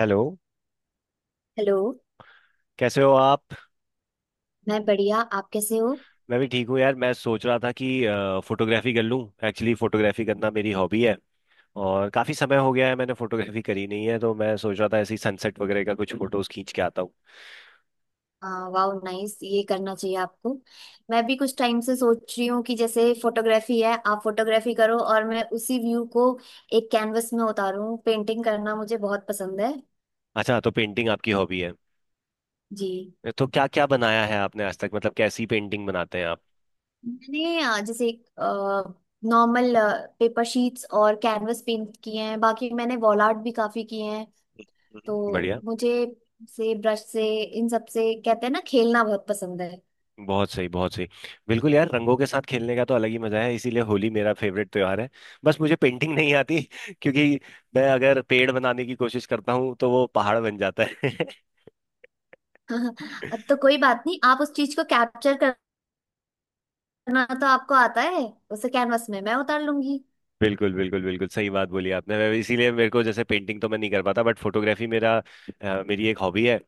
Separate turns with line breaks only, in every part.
Hello.
Hello.
कैसे हो आप?
मैं बढ़िया, आप कैसे हो।
मैं भी ठीक हूँ यार। मैं सोच रहा था कि फोटोग्राफी कर लूँ। एक्चुअली फोटोग्राफी करना मेरी हॉबी है और काफ़ी समय हो गया है मैंने फोटोग्राफी करी नहीं है, तो मैं सोच रहा था ऐसे ही सनसेट वगैरह का कुछ फोटोज खींच के आता हूँ।
वाह नाइस, ये करना चाहिए आपको। मैं भी कुछ टाइम से सोच रही हूँ कि जैसे फोटोग्राफी है, आप फोटोग्राफी करो और मैं उसी व्यू को एक कैनवस में उतारूँ। पेंटिंग करना मुझे बहुत पसंद है।
अच्छा, तो पेंटिंग आपकी हॉबी है।
जी।
तो क्या क्या बनाया है आपने आज तक, मतलब कैसी पेंटिंग बनाते हैं आप?
मैंने जैसे नॉर्मल पेपर शीट्स और कैनवस पेंट किए हैं। बाकी मैंने वॉल आर्ट भी काफी किए हैं। तो
बढ़िया।
मुझे से ब्रश से इन सब से कहते हैं ना, खेलना बहुत पसंद है।
बहुत सही, बहुत सही। बिल्कुल यार, रंगों के साथ खेलने का तो अलग ही मजा है, इसीलिए होली मेरा फेवरेट त्योहार है। बस मुझे पेंटिंग नहीं आती क्योंकि मैं अगर पेड़ बनाने की कोशिश करता हूँ तो वो पहाड़ बन जाता है
तो कोई बात नहीं, आप उस चीज को कैप्चर करना तो आपको आता है। उसे कैनवस में मैं उतार लूंगी।
बिल्कुल बिल्कुल बिल्कुल सही बात बोली आपने। इसीलिए मेरे को, जैसे, पेंटिंग तो मैं नहीं कर पाता बट फोटोग्राफी मेरा, मेरी एक हॉबी है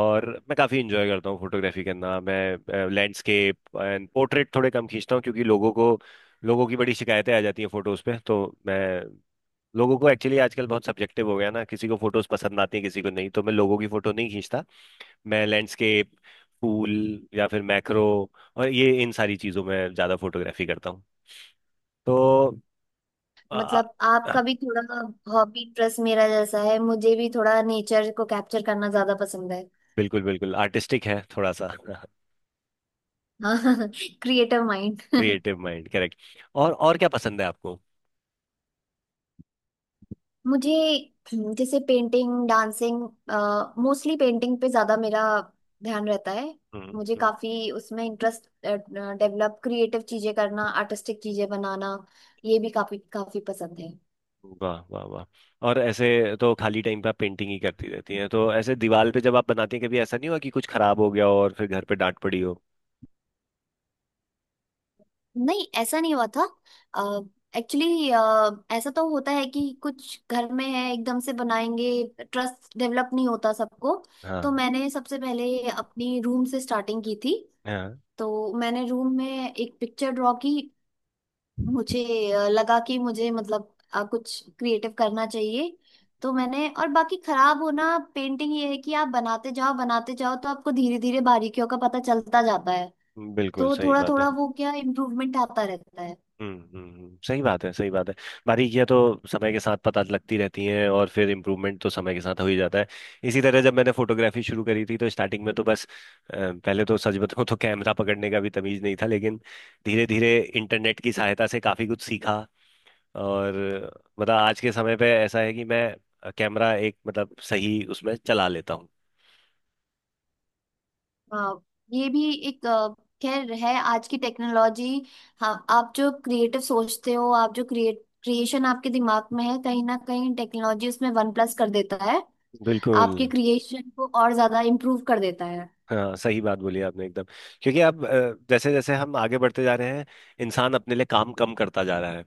और मैं काफ़ी इंजॉय करता हूँ फोटोग्राफी करना। मैं लैंडस्केप एंड पोर्ट्रेट थोड़े कम खींचता हूँ क्योंकि लोगों की बड़ी शिकायतें आ जाती हैं फोटोज पे, तो मैं लोगों को, एक्चुअली आजकल बहुत सब्जेक्टिव हो गया ना, किसी को फोटोज पसंद आती है किसी को नहीं, तो मैं लोगों की फोटो नहीं खींचता। मैं लैंडस्केप, फूल या फिर मैक्रो और ये इन सारी चीजों में ज्यादा फोटोग्राफी करता हूँ। तो आ,
मतलब आपका भी थोड़ा हॉबी इंटरेस्ट मेरा जैसा है। मुझे भी थोड़ा नेचर को कैप्चर करना ज्यादा पसंद है।
बिल्कुल बिल्कुल, आर्टिस्टिक है थोड़ा सा।
हाँ, creative mind.
Creative mind, correct. और क्या पसंद है आपको?
मुझे जैसे पेंटिंग, डांसिंग, मोस्टली पेंटिंग पे ज्यादा मेरा ध्यान रहता है।
हम्म,
मुझे
हम्म,
काफी उसमें इंटरेस्ट डेवलप, क्रिएटिव चीजें करना, आर्टिस्टिक चीजें बनाना, ये भी काफी काफी पसंद है।
वाह वाह वाह। और ऐसे, तो खाली टाइम पे आप पेंटिंग ही करती रहती हैं? तो ऐसे दीवार पे जब आप बनाती हैं, कभी ऐसा नहीं हुआ कि कुछ खराब हो गया हो और फिर घर पे डांट पड़ी हो?
नहीं, ऐसा नहीं हुआ था। एक्चुअली ऐसा तो होता है कि कुछ घर में है एकदम से बनाएंगे, ट्रस्ट डेवलप नहीं होता सबको। तो
हाँ।
मैंने सबसे पहले अपनी रूम से स्टार्टिंग की थी।
हाँ।
तो मैंने रूम में एक पिक्चर ड्रॉ की। मुझे लगा कि मुझे मतलब कुछ क्रिएटिव करना चाहिए। तो मैंने और बाकी खराब होना पेंटिंग ये है कि आप बनाते जाओ तो आपको धीरे धीरे बारीकियों का पता चलता जाता है।
बिल्कुल
तो
सही
थोड़ा
बात है।
थोड़ा वो क्या इम्प्रूवमेंट आता रहता है।
सही बात है, सही बात है। बारीकियां तो समय के साथ पता लगती रहती हैं और फिर इम्प्रूवमेंट तो समय के साथ हो ही जाता है। इसी तरह जब मैंने फोटोग्राफी शुरू करी थी तो स्टार्टिंग में तो बस, पहले तो सच बताऊं तो कैमरा पकड़ने का भी तमीज नहीं था, लेकिन धीरे धीरे इंटरनेट की सहायता से काफी कुछ सीखा। और मतलब आज के समय पे ऐसा है कि मैं कैमरा एक, मतलब, सही उसमें चला लेता हूँ।
हाँ, ये भी एक खैर है आज की टेक्नोलॉजी। हाँ, आप जो क्रिएटिव सोचते हो, आप जो क्रिएट क्रिएशन आपके दिमाग में है, कहीं ना कहीं टेक्नोलॉजी उसमें वन प्लस कर देता है।
बिल्कुल।
आपके क्रिएशन को और ज्यादा इम्प्रूव कर देता है।
हाँ सही बात बोली आपने एकदम। क्योंकि अब, जैसे जैसे हम आगे बढ़ते जा रहे हैं, इंसान अपने लिए काम कम करता जा रहा है।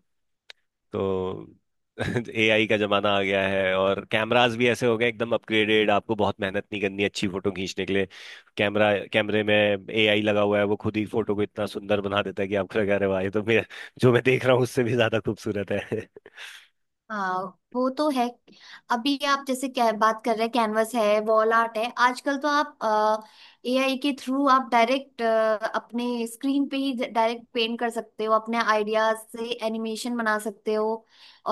तो एआई का जमाना आ गया है और कैमरास भी ऐसे हो गए एकदम अपग्रेडेड, आपको बहुत मेहनत नहीं करनी अच्छी फोटो खींचने के लिए। कैमरा कैमरे में एआई लगा हुआ है, वो खुद ही फोटो को इतना सुंदर बना देता है कि आपको लगा रहे वाह, ये तो मैं, जो मैं देख रहा हूँ उससे भी ज्यादा खूबसूरत है
हाँ वो तो है। अभी आप जैसे क्या बात कर रहे हैं, कैनवस है, वॉल आर्ट है, आजकल तो आप एआई के थ्रू आप डायरेक्ट अपने स्क्रीन पे ही डायरेक्ट पेंट कर सकते हो, अपने आइडियाज से एनिमेशन बना सकते हो।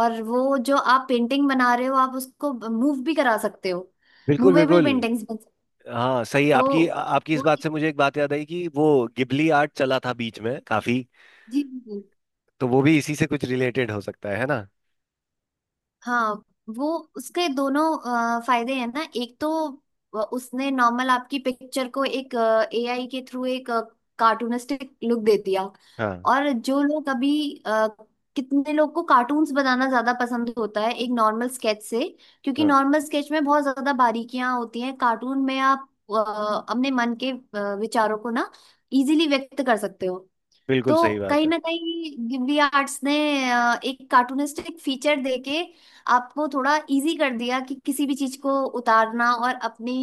और वो जो आप पेंटिंग बना रहे हो आप उसको मूव भी करा सकते हो।
बिल्कुल
मूवेबल
बिल्कुल।
पेंटिंग्स बन सकते
हाँ सही।
हो।
आपकी
तो
आपकी इस
वो
बात से मुझे एक बात याद आई कि वो गिबली आर्ट चला था बीच में काफी,
जी जी।
तो वो भी इसी से कुछ रिलेटेड हो सकता है ना?
हाँ वो उसके दोनों फायदे हैं ना। एक तो उसने नॉर्मल आपकी पिक्चर को एक एआई के थ्रू एक कार्टूनिस्टिक लुक दे दिया।
हाँ।
और जो लोग अभी अ, कितने लोग को कार्टून्स बनाना ज्यादा पसंद होता है एक नॉर्मल स्केच से। क्योंकि
हाँ।
नॉर्मल स्केच में बहुत ज्यादा बारीकियां होती हैं। कार्टून में आप अपने मन के विचारों को ना इजीली व्यक्त कर सकते हो।
बिल्कुल
तो
सही बात
कहीं
है।
ना कहीं गिब्बी आर्ट्स ने एक कार्टूनिस्टिक फीचर देके आपको थोड़ा इजी कर दिया कि किसी भी चीज को उतारना और अपनी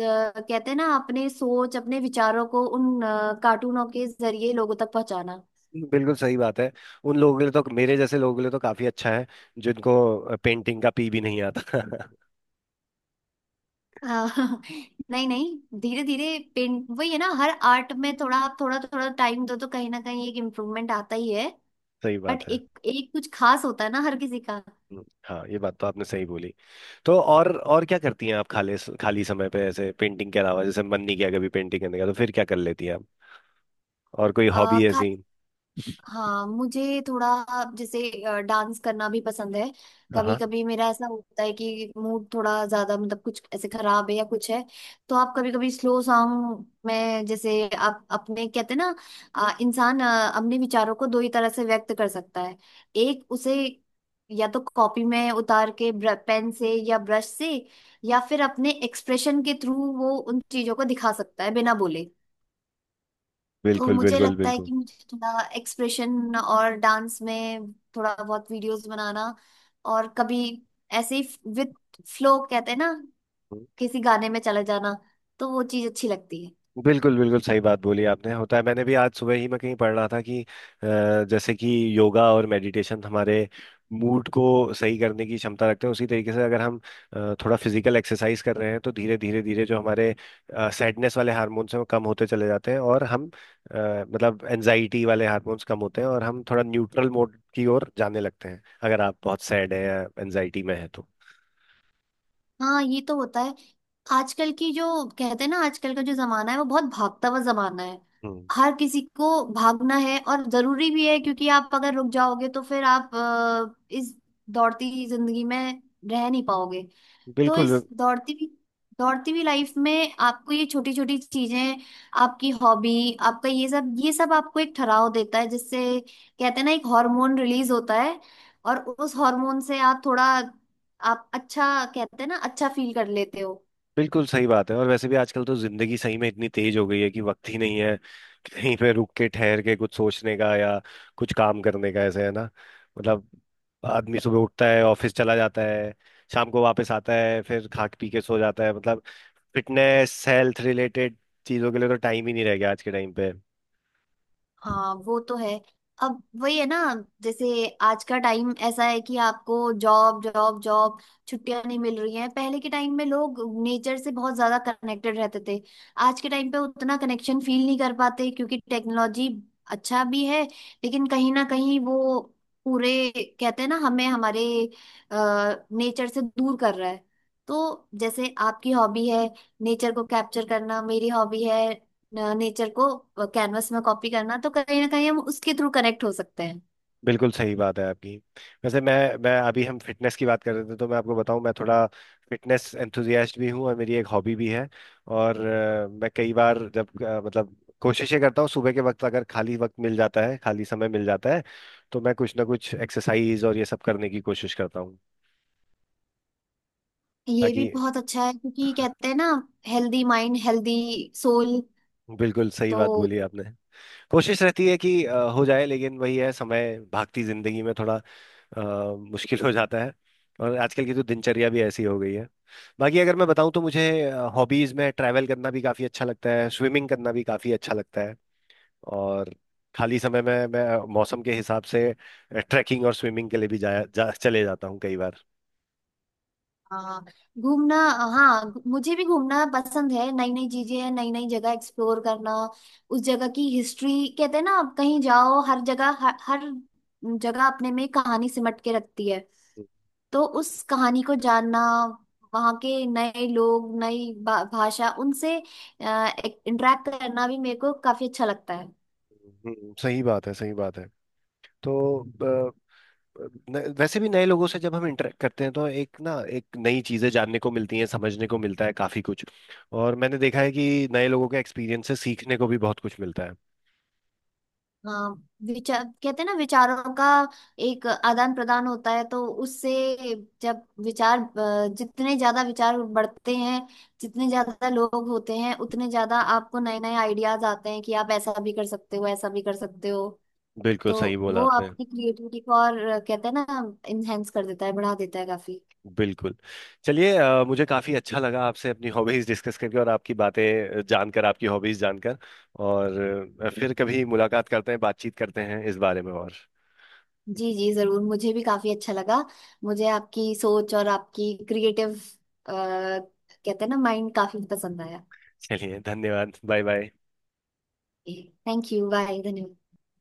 कहते हैं ना, अपने सोच अपने विचारों को उन कार्टूनों के जरिए लोगों तक पहुंचाना।
बिल्कुल सही बात है। उन लोगों के लिए, तो मेरे जैसे लोगों के लिए तो काफी अच्छा है जिनको पेंटिंग का पी भी नहीं आता।
हाँ, नहीं नहीं, धीरे धीरे पेंट वही है ना, हर आर्ट में थोड़ा आप थोड़ा थोड़ा टाइम दो तो कहीं ना कहीं एक इम्प्रूवमेंट आता ही है।
सही
बट
बात है।
एक एक कुछ खास होता है ना हर किसी का।
हाँ ये बात तो आपने सही बोली। तो और क्या करती हैं आप खाली खाली समय पे, ऐसे पेंटिंग के अलावा, जैसे मन नहीं किया कभी पेंटिंग करने का तो फिर क्या कर लेती हैं आप? और कोई
अ,
हॉबी ऐसी?
हाँ, मुझे थोड़ा जैसे डांस करना भी पसंद है। कभी
हाँ।
कभी मेरा ऐसा होता है कि मूड थोड़ा ज्यादा मतलब कुछ ऐसे खराब है या कुछ है, तो आप कभी कभी स्लो सॉन्ग में जैसे आप अपने कहते हैं ना, इंसान अपने विचारों को दो ही तरह से व्यक्त कर सकता है। एक उसे या तो कॉपी में उतार के, पेन से या ब्रश से, या फिर अपने एक्सप्रेशन के थ्रू वो उन चीजों को दिखा सकता है बिना बोले। तो
बिल्कुल
मुझे
बिल्कुल
लगता है
बिल्कुल
कि मुझे थोड़ा एक्सप्रेशन और डांस में थोड़ा बहुत वीडियोस बनाना और कभी ऐसे ही विद फ्लो कहते हैं ना, किसी गाने में चले जाना, तो वो चीज अच्छी लगती है।
बिल्कुल बिल्कुल सही बात बोली आपने, होता है। मैंने भी आज सुबह ही, मैं कहीं पढ़ रहा था कि, जैसे कि योगा और मेडिटेशन हमारे मूड को सही करने की क्षमता रखते हैं, उसी तरीके से अगर हम, थोड़ा फिजिकल एक्सरसाइज कर रहे हैं तो धीरे धीरे धीरे जो हमारे सैडनेस वाले हार्मोन्स हैं वो कम होते चले जाते हैं, और हम, मतलब एनजाइटी वाले हार्मोन्स कम होते हैं और हम थोड़ा न्यूट्रल मोड की ओर जाने लगते हैं, अगर आप बहुत सैड है या एनजाइटी में है तो।
हाँ, ये तो होता है। आजकल की जो कहते हैं ना, आजकल का जो जमाना है वो बहुत भागता हुआ जमाना है।
हम्म।
हर किसी को भागना है और जरूरी भी है, क्योंकि आप अगर रुक जाओगे तो फिर आप इस दौड़ती जिंदगी में रह नहीं पाओगे। तो
बिल्कुल
इस दौड़ती हुई लाइफ में आपको ये छोटी छोटी चीजें, आपकी हॉबी, आपका ये सब आपको एक ठहराव देता है, जिससे कहते हैं ना, एक हार्मोन रिलीज होता है। और उस हार्मोन से आप थोड़ा आप अच्छा कहते हैं ना, अच्छा फील कर लेते हो।
बिल्कुल सही बात है। और वैसे भी आजकल तो जिंदगी सही में इतनी तेज हो गई है कि वक्त ही नहीं है कहीं पे रुक के, ठहर के कुछ सोचने का, या कुछ काम करने का ऐसे, है ना? मतलब आदमी सुबह उठता है ऑफिस चला जाता है, शाम को वापस आता है फिर खा पी के सो जाता है। मतलब फिटनेस हेल्थ रिलेटेड चीजों के लिए तो टाइम ही नहीं रह गया आज के टाइम पे।
हाँ वो तो है। अब वही है ना, जैसे आज का टाइम ऐसा है कि आपको जॉब जॉब जॉब, छुट्टियां नहीं मिल रही हैं। पहले के टाइम में लोग नेचर से बहुत ज्यादा कनेक्टेड रहते थे। आज के टाइम पे उतना कनेक्शन फील नहीं कर पाते क्योंकि टेक्नोलॉजी अच्छा भी है, लेकिन कहीं ना कहीं वो पूरे कहते हैं ना, हमें हमारे नेचर से दूर कर रहा है। तो जैसे आपकी हॉबी है नेचर को कैप्चर करना, मेरी हॉबी है नेचर को कैनवस में कॉपी करना, तो कहीं ना कहीं हम उसके थ्रू कनेक्ट हो सकते हैं।
बिल्कुल सही बात है आपकी। वैसे मैं अभी, हम फिटनेस की बात कर रहे थे, तो मैं आपको बताऊं, मैं थोड़ा फिटनेस एंथुजियास्ट भी हूं और मेरी एक हॉबी भी है। और मैं कई बार जब, मतलब कोशिशें करता हूँ सुबह के वक्त, अगर खाली वक्त मिल जाता है, खाली समय मिल जाता है, तो मैं कुछ ना कुछ एक्सरसाइज और ये सब करने की कोशिश करता हूँ
ये भी
ताकि।
बहुत अच्छा है क्योंकि कहते हैं ना, हेल्दी माइंड हेल्दी सोल।
बिल्कुल सही
तो
बात बोली आपने। कोशिश रहती है कि, हो जाए, लेकिन वही है समय, भागती जिंदगी में थोड़ा, मुश्किल हो जाता है। और आजकल की तो दिनचर्या भी ऐसी हो गई है। बाकी अगर मैं बताऊं तो मुझे हॉबीज में ट्रैवल करना भी काफी अच्छा लगता है, स्विमिंग करना भी काफी अच्छा लगता है। और खाली समय में मैं मौसम के हिसाब से ट्रैकिंग और स्विमिंग के लिए भी चले जाता हूँ कई बार।
हाँ, घूमना। हाँ, मुझे भी घूमना पसंद है, नई नई चीजें, नई नई जगह एक्सप्लोर करना। उस जगह की हिस्ट्री कहते हैं ना, आप कहीं जाओ, हर जगह हर जगह अपने में कहानी सिमट के रखती है। तो उस कहानी को जानना, वहाँ के नए लोग, नई भाषा, उनसे इंटरेक्ट करना भी मेरे को काफी अच्छा लगता है।
सही बात है, सही बात है। तो अ, वैसे भी नए लोगों से जब हम इंटरेक्ट करते हैं तो एक ना एक नई चीजें जानने को मिलती हैं, समझने को मिलता है काफी कुछ। और मैंने देखा है कि नए लोगों के एक्सपीरियंस से सीखने को भी बहुत कुछ मिलता है।
हाँ, विचार कहते हैं ना, विचारों का एक आदान प्रदान होता है, तो उससे जब विचार जितने ज्यादा विचार बढ़ते हैं, जितने ज्यादा लोग होते हैं, उतने ज्यादा आपको नए नए आइडियाज आते हैं कि आप ऐसा भी कर सकते हो, ऐसा भी कर सकते हो।
बिल्कुल
तो
सही बोला
वो
आपने।
आपकी क्रिएटिविटी को और कहते हैं ना, इनहेंस कर देता है, बढ़ा देता है काफी।
बिल्कुल। चलिए, मुझे काफ़ी अच्छा लगा आपसे अपनी हॉबीज़ डिस्कस करके और आपकी बातें जानकर, आपकी हॉबीज़ जानकर। और फिर कभी मुलाकात करते हैं, बातचीत करते हैं इस बारे में और।
जी जी जरूर, मुझे भी काफी अच्छा लगा। मुझे आपकी सोच और आपकी क्रिएटिव कहते हैं ना, माइंड काफी पसंद आया।
चलिए, धन्यवाद, bye bye.
Thank you, bye, धन्यवाद।